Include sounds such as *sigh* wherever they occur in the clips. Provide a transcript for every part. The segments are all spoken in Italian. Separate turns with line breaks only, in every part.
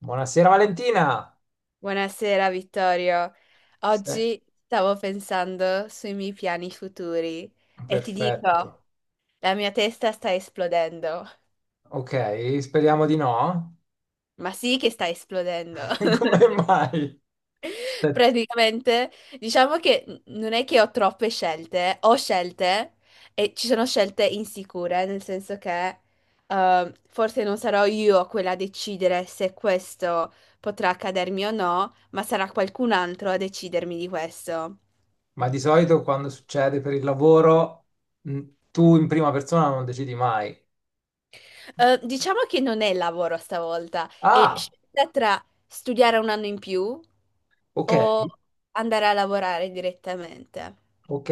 Buonasera Valentina.
Buonasera Vittorio.
Se-
Oggi stavo pensando sui miei piani futuri e ti dico,
Perfetto.
la mia testa sta esplodendo.
Ok, speriamo di no.
Ma sì che sta esplodendo.
*laughs* Come
*laughs*
mai? Ste-
Praticamente, diciamo che non è che ho troppe scelte, ho scelte e ci sono scelte insicure, nel senso che forse non sarò io quella a decidere se questo potrà accadermi o no, ma sarà qualcun altro a decidermi di questo.
Ma di solito quando succede per il lavoro, mh, tu in prima persona non decidi mai.
Diciamo che non è lavoro stavolta, è
Ah,
scelta tra studiare un anno in più
ok,
o andare a lavorare direttamente.
ok.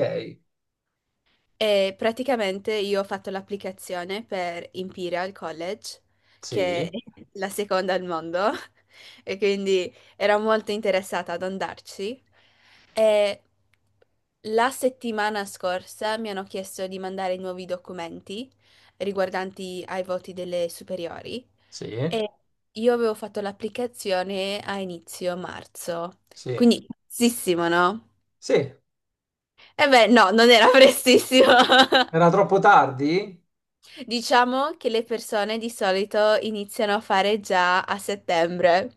E praticamente io ho fatto l'applicazione per Imperial College, che è
Sì,
la seconda al mondo, *laughs* e quindi ero molto interessata ad andarci. E la settimana scorsa mi hanno chiesto di mandare nuovi documenti riguardanti ai voti delle superiori.
sì,
E io avevo fatto l'applicazione a inizio marzo,
sì,
quindi prestissimo, no?
sì.
E beh, no, non era prestissimo. *laughs*
Era troppo tardi?
Diciamo che le persone di solito iniziano a fare già a settembre,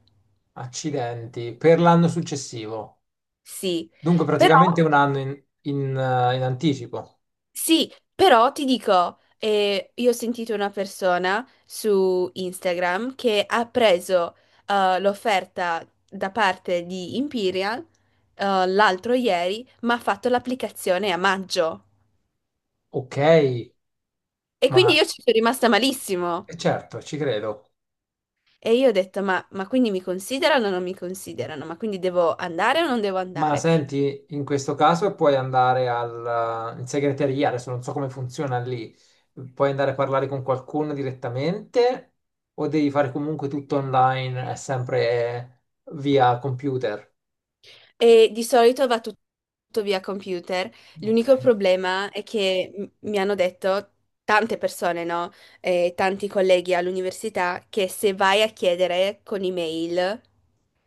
Accidenti, per l'anno successivo.
sì,
Dunque
però
praticamente un anno in anticipo.
Ti dico, io ho sentito una persona su Instagram che ha preso l'offerta da parte di Imperial l'altro ieri, ma ha fatto l'applicazione a maggio.
Ok,
E quindi
ma
io ci sono rimasta malissimo.
certo, ci credo.
E io ho detto, ma quindi mi considerano o non mi considerano? Ma quindi devo andare o non devo
Ma
andare?
senti, in questo caso puoi andare in segreteria, adesso non so come funziona lì, puoi andare a parlare con qualcuno direttamente o devi fare comunque tutto online, è sempre via computer?
E di solito va tutto via computer.
Ok.
L'unico problema è che mi hanno detto tante persone, no? Tanti colleghi all'università, che se vai a chiedere con email,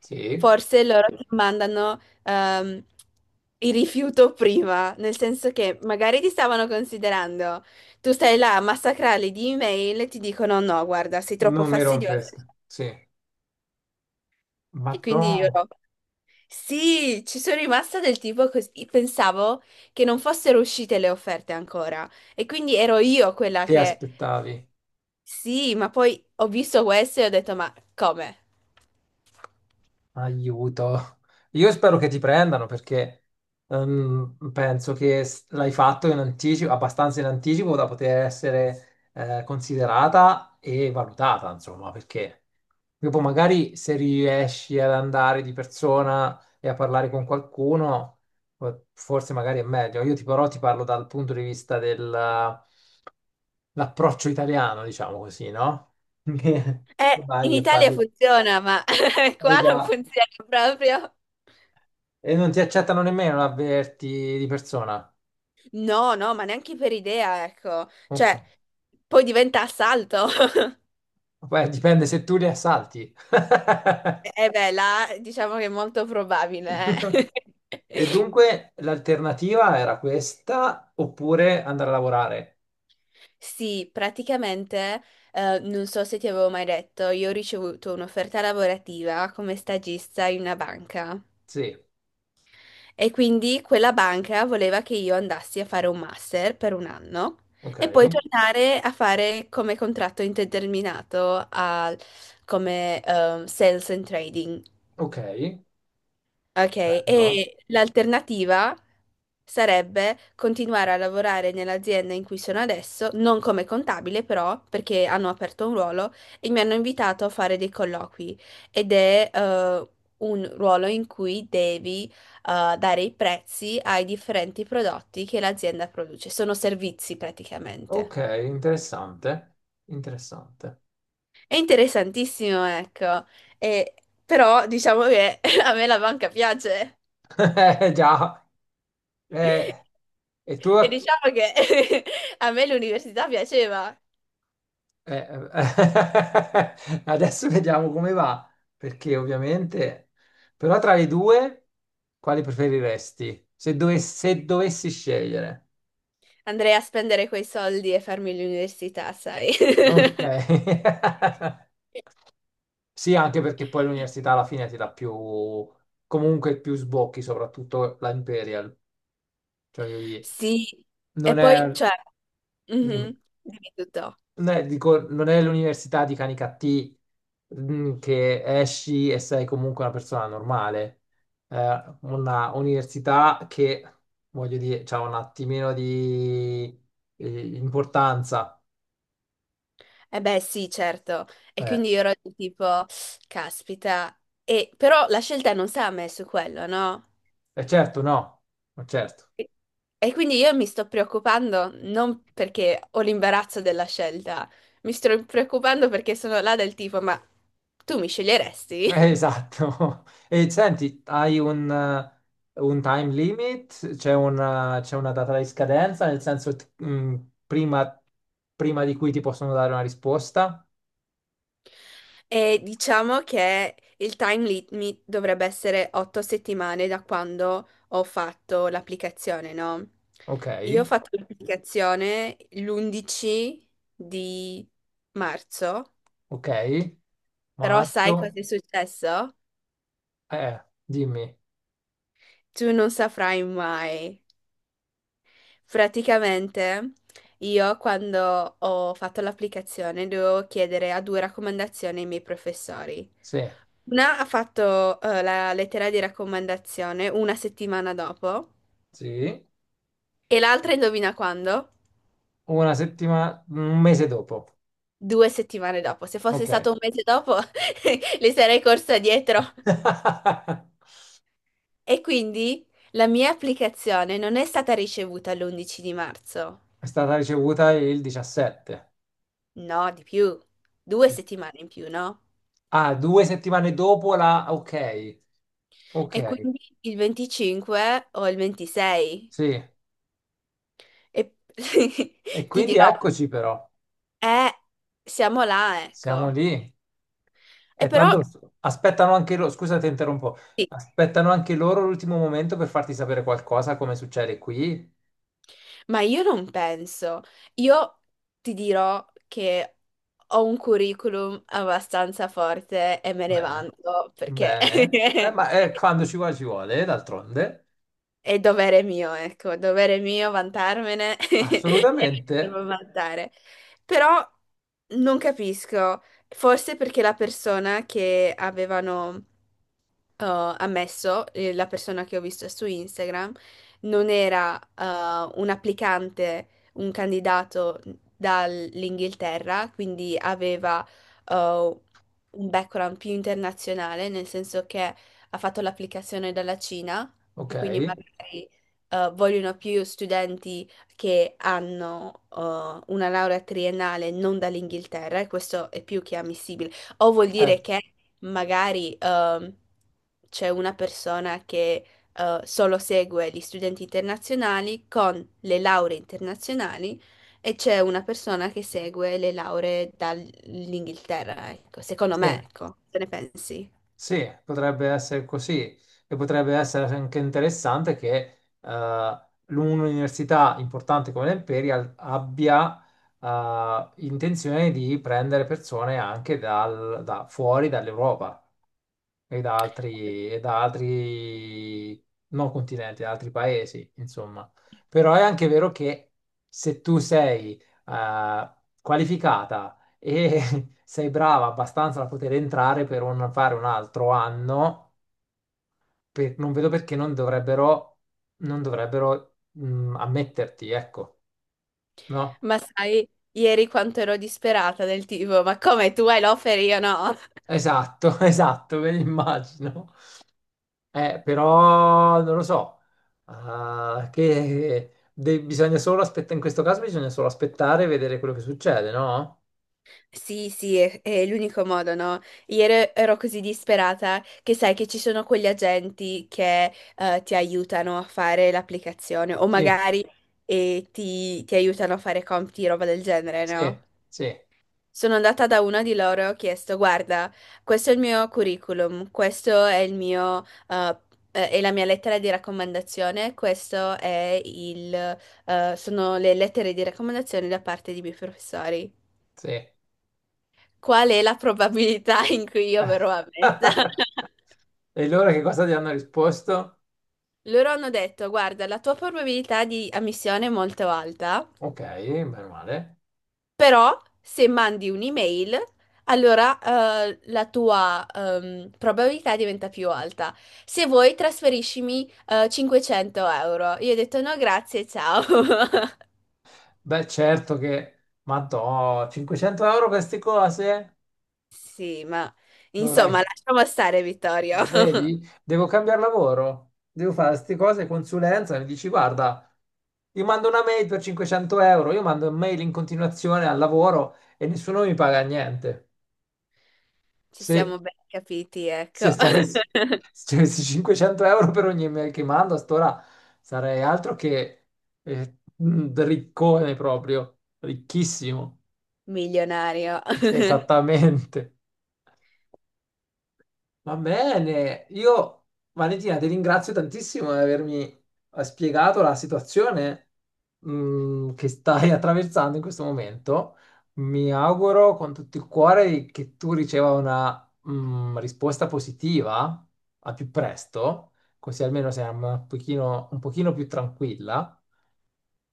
Sì,
forse loro ti mandano il rifiuto prima, nel senso che magari ti stavano considerando, tu stai là a massacrarli di email e ti dicono no, guarda, sei troppo
non mi
fastidiosa.
rompesca. Sì, ma
E
tu
quindi io no. Sì, ci sono rimasta del tipo così, pensavo che non fossero uscite le offerte ancora e quindi ero io quella
ti
che
aspettavi?
sì, ma poi ho visto questo e ho detto ma come?
Aiuto. Io spero che ti prendano perché penso che l'hai fatto in anticipo, abbastanza in anticipo da poter essere considerata e valutata, insomma, perché dopo magari se riesci ad andare di persona e a parlare con qualcuno, forse magari è meglio. Però ti parlo dal punto di vista dell'approccio italiano, diciamo così, no? *laughs* Che
In
vai e
Italia
parli.
funziona, ma *laughs* qua
Eh
non
già.
funziona proprio.
E non ti accettano nemmeno l'avverti di persona.
No, no, ma neanche per idea, ecco.
Ok.
Cioè, poi diventa assalto. *laughs*
Beh, dipende se tu li assalti.
E beh, là diciamo che è molto probabile.
*laughs* E
*laughs*
dunque l'alternativa era questa oppure andare a lavorare.
Sì, praticamente, non so se ti avevo mai detto, io ho ricevuto un'offerta lavorativa come stagista in una banca
Sì,
e quindi quella banca voleva che io andassi a fare un master per un anno e poi
ok,
tornare a fare come contratto indeterminato come sales and trading.
ok,
Ok,
bello.
e l'alternativa sarebbe continuare a lavorare nell'azienda in cui sono adesso, non come contabile però, perché hanno aperto un ruolo e mi hanno invitato a fare dei colloqui ed è un ruolo in cui devi dare i prezzi ai differenti prodotti che l'azienda produce, sono servizi praticamente.
Ok, interessante, interessante.
È interessantissimo, ecco, E- però diciamo che *laughs* a me la banca piace.
*laughs* Già. Eh, e tu?
E diciamo che *laughs* a me l'università piaceva.
Eh, eh, *laughs* adesso vediamo come va, perché ovviamente, però tra le due, quali preferiresti? Se, se dovessi scegliere.
Andrei a spendere quei soldi e farmi l'università, sai? *laughs*
Ok. *laughs* Sì, anche perché poi l'università alla fine ti dà più, comunque più sbocchi, soprattutto la Imperial. Cioè, voglio dire,
Sì, e
non
poi,
è...
cioè,
dimmi.
mhm, dimmi tutto.
No, dico, non è l'università di Canicattì mm, che esci e sei comunque una persona normale. Una università che, voglio dire, ha un attimino di importanza.
Eh beh, sì, certo. E
Eh,
quindi io ero di tipo, caspita. Però la scelta non sta a me su quello, no?
e certo, no, ma certo.
E e quindi io mi sto preoccupando non perché ho l'imbarazzo della scelta, mi sto preoccupando perché sono là del tipo, ma tu mi sceglieresti?
Esatto. *laughs* E senti, hai un time limit? C'è una data di scadenza, nel senso, mm, prima prima di cui ti possono dare una risposta?
E diciamo che il time limit dovrebbe essere 8 settimane da quando ho fatto l'applicazione, no?
Ok.
Io ho fatto l'applicazione l'11 di marzo,
Ok,
però sai cosa
marzo,
è successo?
dimmi,
Tu non saprai mai. Praticamente io quando ho fatto l'applicazione dovevo chiedere a due raccomandazioni ai miei professori.
sì,
Una ha fatto la lettera di raccomandazione una settimana dopo
sì,
e l'altra indovina quando?
una settimana, un mese dopo,
2 settimane dopo. Se fosse
ok.
stato un mese dopo, *laughs* le sarei corsa dietro.
*laughs*
E quindi la mia applicazione non è stata ricevuta l'11 di marzo.
È stata ricevuta il 17.
No, di più. 2 settimane in più, no?
Ah, due settimane dopo la, ok,
E
ok,
quindi il 25 o il 26.
sì.
E *laughs*
E
ti
quindi
dirò,
eccoci però,
eh, siamo là,
siamo
ecco.
lì.
E
E
però,
tanto aspettano anche loro, scusa ti interrompo,
sì.
aspettano anche loro l'ultimo momento per farti sapere qualcosa, come succede qui.
Ma io non penso. Io ti dirò che ho un curriculum abbastanza forte e me ne
Bene.
vanto perché
Bene, eh, ma
*laughs*
quando ci vuole, d'altronde.
è dovere mio, ecco, dovere mio vantarmene *laughs* e me ne
Assolutamente,
devo vantare. Però non capisco, forse perché la persona che avevano eh, ammesso, la persona che ho visto su Instagram, non era un applicante, un candidato dall'Inghilterra, quindi aveva eh, un background più internazionale, nel senso che ha fatto l'applicazione dalla Cina
ok,
e quindi magari vogliono più studenti che hanno una laurea triennale non dall'Inghilterra, e questo è più che ammissibile. O vuol dire
certo,
che magari c'è una persona che solo segue gli studenti internazionali con le lauree internazionali e c'è una persona che segue le lauree dall'Inghilterra. Ecco, secondo
sì,
me, ecco, se ne pensi?
sì, potrebbe essere così e potrebbe essere anche interessante che un'università importante come l'Imperial abbia intenzione di prendere persone anche da fuori dall'Europa. E da altri, e da altri non continenti, da altri paesi, insomma. Però è anche vero che se tu sei qualificata e *laughs* sei brava abbastanza da poter entrare per fare un altro anno, non vedo perché non dovrebbero, non dovrebbero mm, ammetterti, ecco, no?
Ma sai, ieri quanto ero disperata del tipo, ma come tu hai l'offer e io no?
Esatto, *laughs* esatto, me l'immagino. Però non lo so, ah, che bisogna solo aspettare, in questo caso bisogna solo aspettare e vedere quello che succede, no?
Sì, sì, è l'unico modo, no? Ieri ero così disperata che sai che ci sono quegli agenti che ti aiutano a fare l'applicazione o
Sì,
magari ti aiutano a fare compiti, roba del genere,
sì,
no?
sì,
Sono andata da una di loro e ho chiesto, guarda, questo è il mio curriculum, questo è il mio, è la mia lettera di raccomandazione, questo è il, sono le lettere di raccomandazione da parte dei miei professori.
sì.
Qual è la probabilità *laughs* in cui io verrò ammessa?
*laughs*
*laughs*
E loro che cosa ti hanno risposto?
Loro hanno detto, guarda, la tua probabilità di ammissione è molto alta.
Ok, meno male.
Però se mandi un'email, allora la tua probabilità diventa più alta. Se vuoi, trasferiscimi 500 euro. Io ho detto no, grazie, ciao. *laughs*
Beh, certo che, ma 500 euro queste cose?
Sì, ma
Dovrei.
insomma, lasciamo stare, Vittorio. *laughs*
Vedi, devo cambiare lavoro, devo fare queste cose, consulenza, mi dici guarda, io mando una mail per 500 euro, io mando mail in continuazione al lavoro e nessuno mi paga niente.
Ci
Se,
siamo ben capiti, ecco.
se ti avessi,
*laughs*
se ti avessi 500 euro per ogni mail che mando, a st'ora sarei altro che un riccone proprio, ricchissimo.
Milionario. *laughs*
Esattamente. Va bene, io Valentina ti ringrazio tantissimo di avermi spiegato la situazione mm, che stai *laughs* attraversando in questo momento. Mi auguro con tutto il cuore che tu riceva una mm, risposta positiva al più presto, così almeno sei un pochino più tranquilla,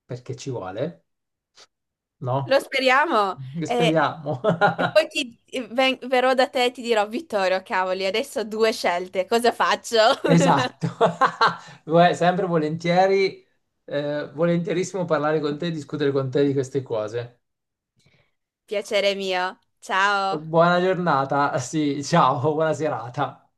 perché ci vuole,
Lo
no?
speriamo. E,
Speriamo. *laughs*
e poi verrò da te e ti dirò, Vittorio, cavoli, adesso ho due scelte, cosa faccio?
Esatto, *laughs* guarda, sempre volentieri, volentierissimo parlare con te e discutere con te di queste cose.
*laughs* Piacere mio. Ciao.
Buona giornata, sì, ciao, buona serata.